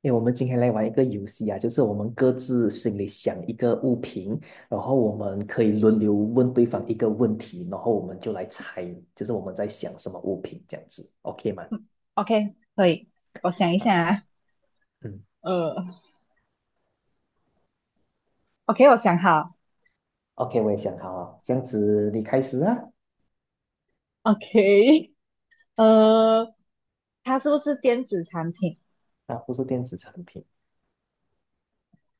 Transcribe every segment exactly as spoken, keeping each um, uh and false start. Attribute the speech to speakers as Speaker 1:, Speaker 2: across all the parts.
Speaker 1: 因为我们今天来玩一个游戏啊，就是我们各自心里想一个物品，然后我们可以轮流问对方一个问题，然后我们就来猜，就是我们在想什么物品这样子，OK 吗？
Speaker 2: 嗯。 OK，可以，我想一
Speaker 1: 啊，
Speaker 2: 下啊。
Speaker 1: 嗯
Speaker 2: 呃 OK，我想好。
Speaker 1: ，OK，我也想好了，这样子你开始啊。
Speaker 2: ，OK，呃，它是不是电子产品？
Speaker 1: 啊，不是电子产品，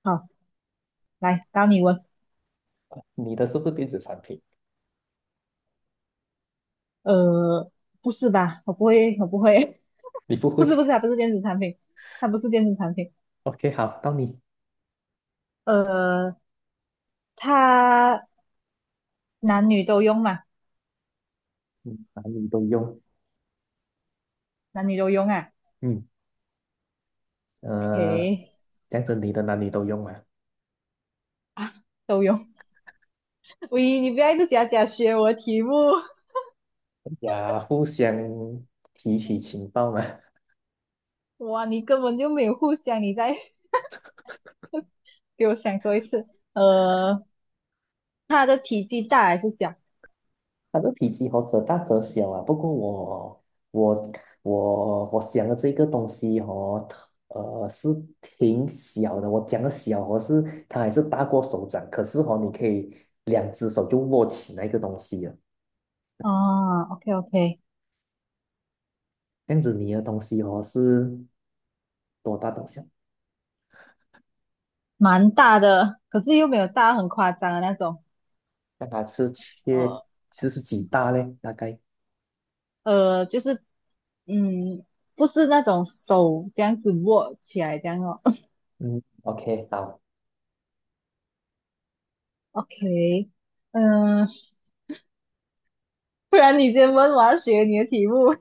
Speaker 2: 好，来，到你问。
Speaker 1: 你的是不是电子产品？
Speaker 2: 呃，不是吧？我不会，我不会。
Speaker 1: 你不
Speaker 2: 不是，
Speaker 1: 会
Speaker 2: 不是啊，它不是电子产品，它不是电子产品。
Speaker 1: ？OK，好，到你，
Speaker 2: 呃，它男女都用嘛？
Speaker 1: 嗯，男女都用，
Speaker 2: 男女都用啊
Speaker 1: 嗯，呃，
Speaker 2: ？OK，
Speaker 1: 这样子你的男女都用啊，
Speaker 2: 啊，都用。喂，你不要一直假假学我的题目。
Speaker 1: 呀，互相提取情报嘛。
Speaker 2: 哇，你根本就没有互相，你再 给我想多一次。呃，它的体积大还是小？
Speaker 1: 他的体积哦，可大可小啊。不过我我我我想的这个东西哦，特呃，是挺小的。我讲的小哦，是它还是大过手掌，可是哦，你可以两只手就握起那个东西了。
Speaker 2: 啊，OK OK，
Speaker 1: 这样子你的东西哦是多大多小？
Speaker 2: 蛮大的，可是又没有大很夸张的那种。
Speaker 1: 那它是缺其实是几大嘞？大概
Speaker 2: 呃，就是，嗯，不是那种手这样子握起来这样哦。
Speaker 1: 嗯，OK，好
Speaker 2: OK，嗯、不然你先问，我要学你的题目。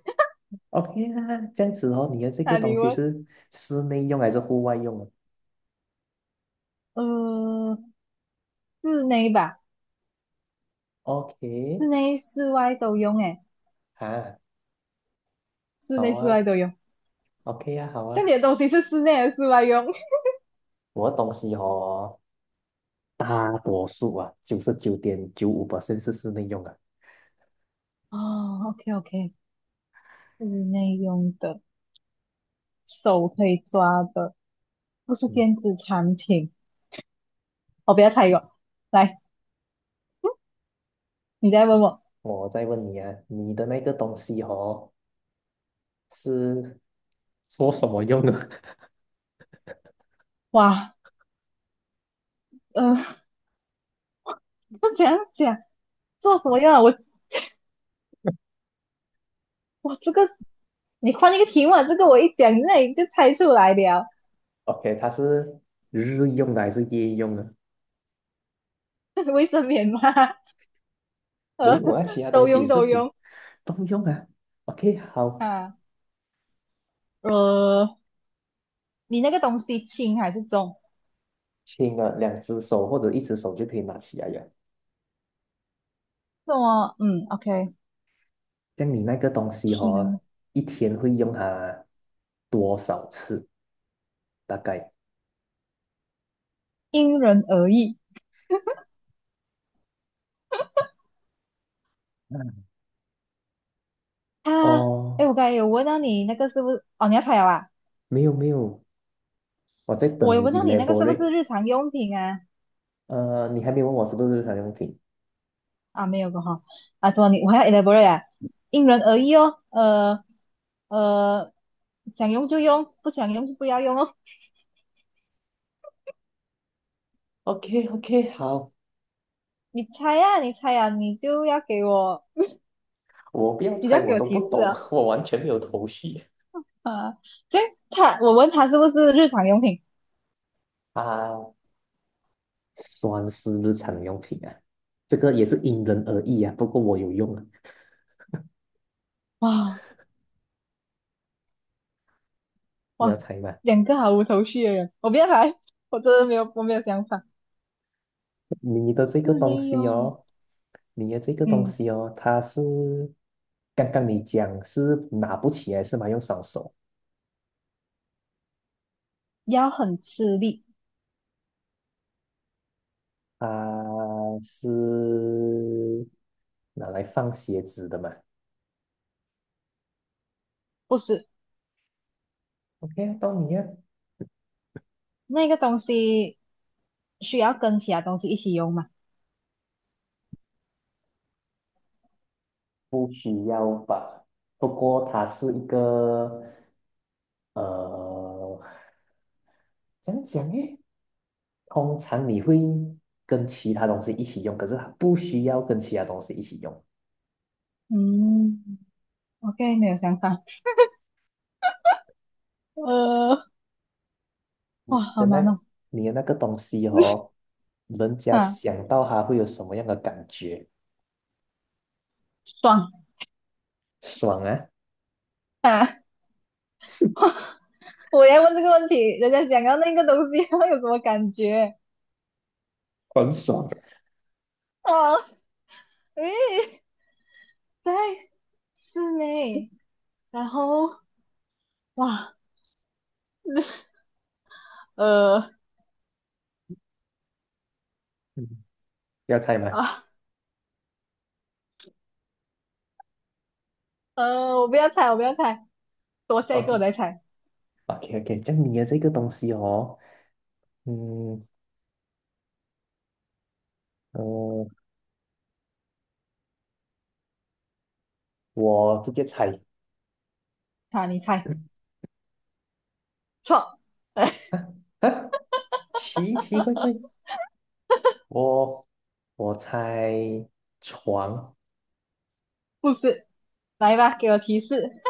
Speaker 1: ，OK 啦。这样子哦，你的这 个
Speaker 2: 那
Speaker 1: 东
Speaker 2: 你
Speaker 1: 西
Speaker 2: 问，
Speaker 1: 是室内用还是户外用啊
Speaker 2: 呃，室内吧，
Speaker 1: ？OK，
Speaker 2: 室内室外都用诶。
Speaker 1: 啊，
Speaker 2: 室
Speaker 1: 好
Speaker 2: 内，室
Speaker 1: 啊。
Speaker 2: 外都用。
Speaker 1: OK 啊，好
Speaker 2: 这
Speaker 1: 啊，
Speaker 2: 里的东西是室内还是室外用？
Speaker 1: 我的东西哦，大多数啊，九十九点九五是室内用的。
Speaker 2: 哦，OK OK，室内用的，手可以抓的。不是
Speaker 1: 嗯，
Speaker 2: 电子产品。我不要猜一个，来，你再问我。
Speaker 1: 我再问你啊，你的那个东西哦，是做什么用的
Speaker 2: 哇，呃，怎样讲？做什么用啊？我我这个，你换一个题目啊，这个我一讲，那你就猜出来了。
Speaker 1: ？OK，它是日用的还是夜用的？
Speaker 2: 卫生棉吗？
Speaker 1: 没有啊，其他东
Speaker 2: 都
Speaker 1: 西也
Speaker 2: 用
Speaker 1: 是
Speaker 2: 都
Speaker 1: 可以
Speaker 2: 用
Speaker 1: 都用啊。OK，好，
Speaker 2: 啊。呃，你那个东西轻还是重？
Speaker 1: 轻了两只手或者一只手就可以拿起来了。
Speaker 2: 重么，嗯，OK，
Speaker 1: 像你那个东西
Speaker 2: 轻，
Speaker 1: 哦，一天会用它多少次？大概？
Speaker 2: 因人而异。啊，哎，
Speaker 1: 哦，
Speaker 2: 我刚才有问到你那个是不是？哦，你要猜了啊？
Speaker 1: 没有没有，我在
Speaker 2: 我
Speaker 1: 等
Speaker 2: 有
Speaker 1: 你
Speaker 2: 问到你那个是不是
Speaker 1: elaborate。
Speaker 2: 日常用品啊？
Speaker 1: 呃，你还没问我是不是日常用品
Speaker 2: 啊，没有过哈。啊，怎么你我还要 elaborate 啊？因人而异哦，呃呃，想用就用，不想用就不要用哦。
Speaker 1: o k o k 好，
Speaker 2: 你猜呀，你猜呀，你就要给我，
Speaker 1: 我不要
Speaker 2: 你就
Speaker 1: 猜，
Speaker 2: 要
Speaker 1: 我
Speaker 2: 给我
Speaker 1: 都不
Speaker 2: 提示
Speaker 1: 懂，
Speaker 2: 啊。
Speaker 1: 我完全没有头绪
Speaker 2: 啊，所以他，我问他是不是日常用品？
Speaker 1: 啊。算是日常用品啊，这个也是因人而异啊。不过我有用啊，
Speaker 2: 哇，
Speaker 1: 你要
Speaker 2: 哇，
Speaker 1: 猜吗？
Speaker 2: 两个毫无头绪的人，我不要来，我真的没有，我没有想法。
Speaker 1: 你的这
Speaker 2: 室
Speaker 1: 个东
Speaker 2: 内
Speaker 1: 西
Speaker 2: 用，
Speaker 1: 哦，你的这个东
Speaker 2: 嗯，
Speaker 1: 西哦，它是刚刚你讲是拿不起来是吗？用双手，
Speaker 2: 要很吃力，
Speaker 1: 啊，是拿来放鞋子的嘛？
Speaker 2: 不是？
Speaker 1: OK 啊到你啊。
Speaker 2: 那个东西需要跟其他东西一起用嘛？
Speaker 1: 不需要吧？不过它是一个呃，怎样讲诶？通常你会跟其他东西一起用，可是它不需要跟其他东西一起用。
Speaker 2: 嗯。OK，没有想法。呃，哇，
Speaker 1: 的
Speaker 2: 好
Speaker 1: 那
Speaker 2: 难哦。
Speaker 1: 你的那个东西哦，人家
Speaker 2: 啊，
Speaker 1: 想到它会有什么样的感觉？
Speaker 2: 爽
Speaker 1: 爽啊，
Speaker 2: 啊！哇，我要问这个问题，人家想要那个东西，会有什么感觉？
Speaker 1: 很爽。
Speaker 2: 哦，诶，在室内，然后哇，呃
Speaker 1: 嗯，要猜吗
Speaker 2: 啊呃，我不要猜，我不要猜，多下
Speaker 1: o
Speaker 2: 一个我
Speaker 1: k
Speaker 2: 再猜。
Speaker 1: o k o k 这样你的这个东西哦，嗯呃，我直接猜。
Speaker 2: 好，你猜 错，哎，
Speaker 1: 啊啊，奇奇怪怪，我我猜床
Speaker 2: 不是，来吧，给我提示。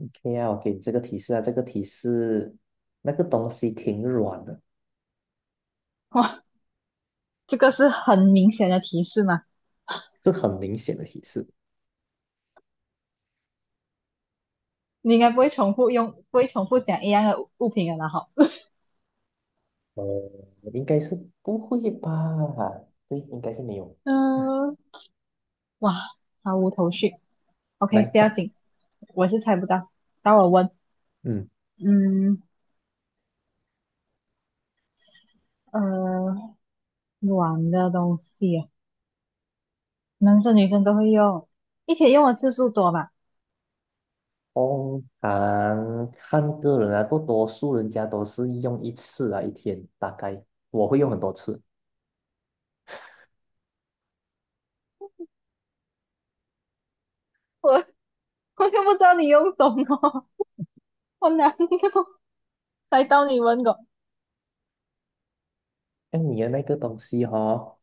Speaker 1: ，OK 啊，我给你这个提示啊，这个提示那个东西挺软的，
Speaker 2: 哇，这个是很明显的提示嘛？
Speaker 1: 这很明显的提示。
Speaker 2: 你应该不会重复用，不会重复讲一样的物物品了，然后，
Speaker 1: 呃，应该是不会吧？对，应该是没有。
Speaker 2: 嗯、呃哇，毫无头绪。OK，
Speaker 1: 来
Speaker 2: 不要
Speaker 1: 吧，
Speaker 2: 紧，我是猜不到。到我问，
Speaker 1: 嗯，
Speaker 2: 嗯，呃，软的东西啊，男生女生都会用，一天用的次数多吧？
Speaker 1: 通常看个人啊，不多数人家都是用一次啊，一天大概我会用很多次。
Speaker 2: 我我又不知道你用什么，我哪里用？来到你问过，
Speaker 1: 像你的那个东西哈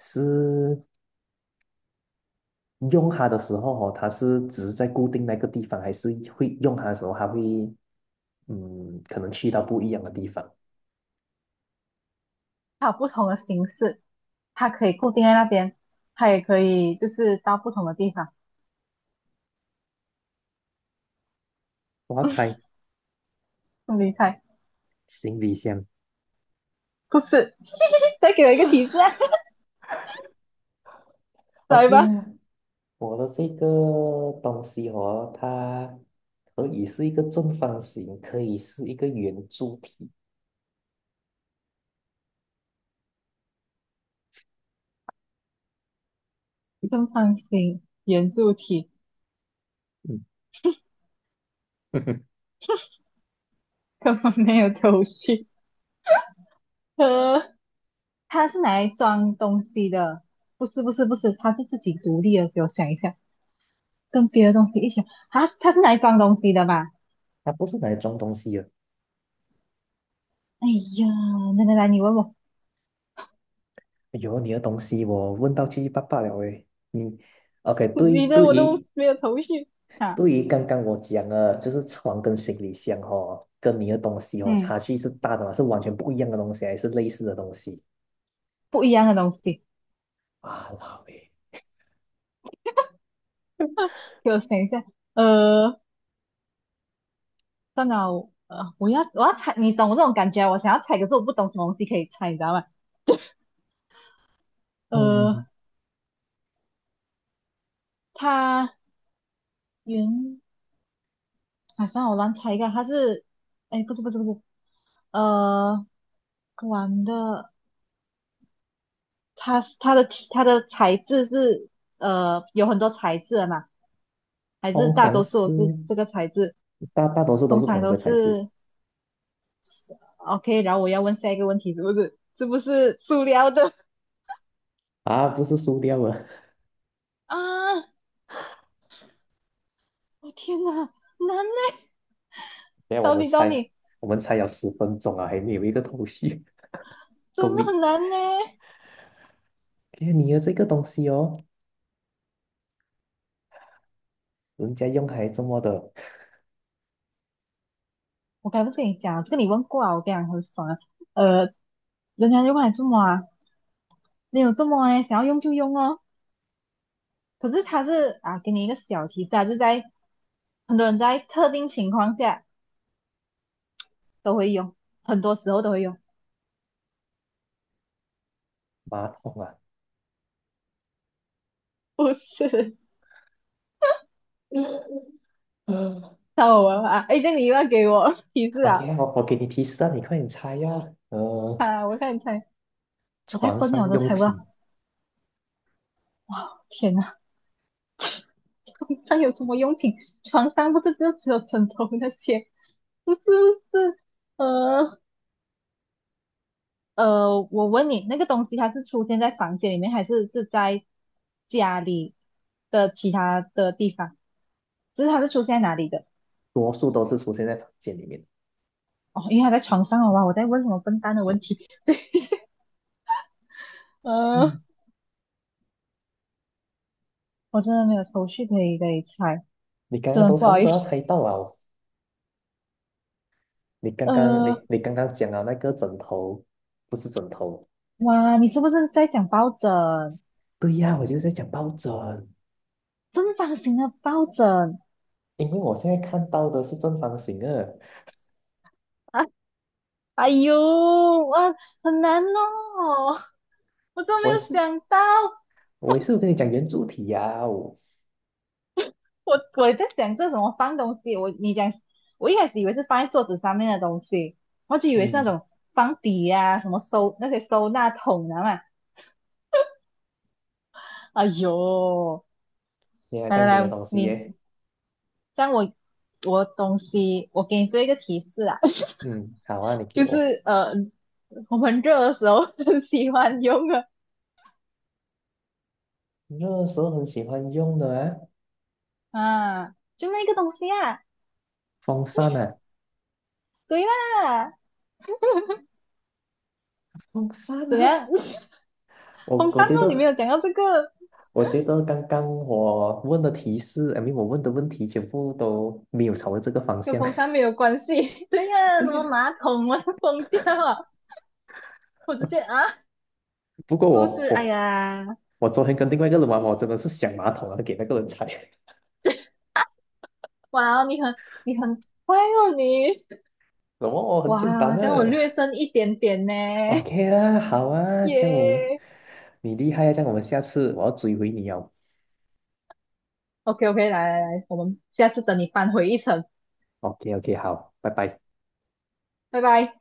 Speaker 1: 是。用它的时候哦，它是只是在固定那个地方，还是会用它的时候，它会嗯，可能去到不一样的地方
Speaker 2: 它有不同的形式，它可以固定在那边，它也可以就是到不同的地方。
Speaker 1: 我要猜
Speaker 2: 你猜，
Speaker 1: 行李箱，
Speaker 2: 不是？再给我一个提示啊，来
Speaker 1: ？OK
Speaker 2: 吧，
Speaker 1: 啊，我的这个东西哦，它可以是一个正方形，可以是一个圆柱体，
Speaker 2: 正方形圆柱体，
Speaker 1: 嗯，
Speaker 2: 根本没有头绪。呃它是拿来装东西的，不是不是不是，它是自己独立的。给我想一下，跟别的东西一起，它它是拿来装东西的吧？
Speaker 1: 它不是拿来装东西的。
Speaker 2: 哎呀，来来来，你问我。
Speaker 1: 哎呦你的东西我问到七七八八了诶，你 OK？对
Speaker 2: 你的
Speaker 1: 对
Speaker 2: 我都
Speaker 1: 于
Speaker 2: 没有头绪啊。
Speaker 1: 对于刚刚我讲的，就是床跟行李箱哦，跟你的东西哦，
Speaker 2: 嗯，
Speaker 1: 差距是大的嘛，是完全不一样的东西，还是类似的东西？
Speaker 2: 不一样的东西，
Speaker 1: 啊，老诶，
Speaker 2: 给我想一下。呃，算了，呃，我要呃我要猜，你懂我这种感觉啊，我想要猜，可是我不懂什么东西可以猜，你知道吗？呃，
Speaker 1: 嗯，
Speaker 2: 它原啊，算了，我乱猜一个，它是，哎，不是不是不是，呃，玩的。它它的它的材质是呃有很多材质的嘛，还是
Speaker 1: 通
Speaker 2: 大
Speaker 1: 常
Speaker 2: 多
Speaker 1: 是
Speaker 2: 数是这个材质？
Speaker 1: 大大多数都
Speaker 2: 通
Speaker 1: 是
Speaker 2: 常
Speaker 1: 同一
Speaker 2: 都
Speaker 1: 个材质
Speaker 2: 是， OK。然后我要问下一个问题，是不是是不是塑料的
Speaker 1: 啊，不是塑料啊。
Speaker 2: 啊？我天哪，难呢！
Speaker 1: 等下我
Speaker 2: 到
Speaker 1: 们
Speaker 2: 你，到
Speaker 1: 猜，
Speaker 2: 你，
Speaker 1: 我们猜有十分钟啊，还没有一个头绪，够
Speaker 2: 真的
Speaker 1: 力。
Speaker 2: 很难呢。
Speaker 1: 看你的这个东西哦，人家用还这么的
Speaker 2: 我刚刚不是跟你讲，这个你问过啊，我跟你讲很爽啊。呃，人家就问你做么啊？没有这么哎，想要用就用哦。可是它是啊，给你一个小提示啊，就在很多人在特定情况下都会用，很多时候都会用。
Speaker 1: 马桶啊。
Speaker 2: 不是，
Speaker 1: 嗯
Speaker 2: 太我玩啊！哎，这样你又要给我 提示啊！
Speaker 1: ，OK，我我给你提示啊，你快点猜呀、呃，
Speaker 2: 啊，我看你猜，我太
Speaker 1: 床
Speaker 2: 笨了，我
Speaker 1: 上
Speaker 2: 都
Speaker 1: 用
Speaker 2: 猜不
Speaker 1: 品。
Speaker 2: 到。天哪，床上有什么用品？床上不是就只有枕头那些？不是不是，呃呃，我问你，那个东西它是出现在房间里面，还是是在家里的其他的地方？就是它是出现在哪里的？
Speaker 1: 多数都是出现在房间里面。
Speaker 2: 哦，因为它在床上，好吧，我在问什么笨蛋的问题？对，呃，
Speaker 1: 嗯，
Speaker 2: 我真的没有头绪可以给你猜，
Speaker 1: 你刚
Speaker 2: 真
Speaker 1: 刚
Speaker 2: 的
Speaker 1: 都
Speaker 2: 不
Speaker 1: 差
Speaker 2: 好
Speaker 1: 不
Speaker 2: 意
Speaker 1: 多要
Speaker 2: 思。
Speaker 1: 猜到啊！你刚刚
Speaker 2: 呃，
Speaker 1: 你你刚刚讲了那个枕头，不是枕头。
Speaker 2: 哇，你是不是在讲抱枕？
Speaker 1: 对呀，我就是在讲抱枕，
Speaker 2: 正方形的抱枕
Speaker 1: 因为我现在看到的是正方形的。
Speaker 2: 啊？哎呦，哇，很难哦，我都没
Speaker 1: 我也
Speaker 2: 有
Speaker 1: 是，
Speaker 2: 想到，
Speaker 1: 我也是有跟你讲圆柱体呀、哦。
Speaker 2: 我我在想这什么放东西，我你讲，我一开始以为是放在桌子上面的东西，我就以为是那
Speaker 1: 嗯，
Speaker 2: 种放笔呀，什么收那些收纳桶啊嘛。哎呦，
Speaker 1: 原来
Speaker 2: 来
Speaker 1: 这
Speaker 2: 来
Speaker 1: 样你的
Speaker 2: 来，
Speaker 1: 东西
Speaker 2: 你
Speaker 1: 耶。
Speaker 2: 这样我，我东西，我给你做一个提示啊。
Speaker 1: 嗯，好啊，你给
Speaker 2: 就
Speaker 1: 我。
Speaker 2: 是呃，我们热的时候很喜欢用的
Speaker 1: 热个时候很喜欢用的啊，
Speaker 2: 啊，就那个东西啊。
Speaker 1: 风扇啊，
Speaker 2: 对啦，
Speaker 1: 风扇
Speaker 2: 怎
Speaker 1: 啊。
Speaker 2: 样？
Speaker 1: 我
Speaker 2: 风
Speaker 1: 我
Speaker 2: 扇
Speaker 1: 觉
Speaker 2: 哦，你没
Speaker 1: 得
Speaker 2: 有讲到这个，
Speaker 1: 我觉得刚刚我问的提示，I mean，我问的问题全部都没有朝着这个方
Speaker 2: 跟
Speaker 1: 向。
Speaker 2: 风扇没有关系。对 呀，
Speaker 1: 对
Speaker 2: 什
Speaker 1: 呀、
Speaker 2: 么马桶啊，疯掉啊，我直接啊，是
Speaker 1: 不过
Speaker 2: 不
Speaker 1: 我
Speaker 2: 是？哎
Speaker 1: 我
Speaker 2: 呀，
Speaker 1: 我昨天跟另外一个人玩，我真的是想马桶啊，给那个人踩。
Speaker 2: 哇哦，你很你很乖哦，你
Speaker 1: 什么？哦很简单
Speaker 2: 哇，这样我
Speaker 1: 的。
Speaker 2: 略胜一点点呢，
Speaker 1: OK 啦，好啊，这样我们
Speaker 2: 耶。
Speaker 1: 你厉害啊，这样我们下次我要追回你哦。
Speaker 2: OK OK，来来来，我们下次等你扳回一城，
Speaker 1: OK OK，好，拜拜。
Speaker 2: 拜拜。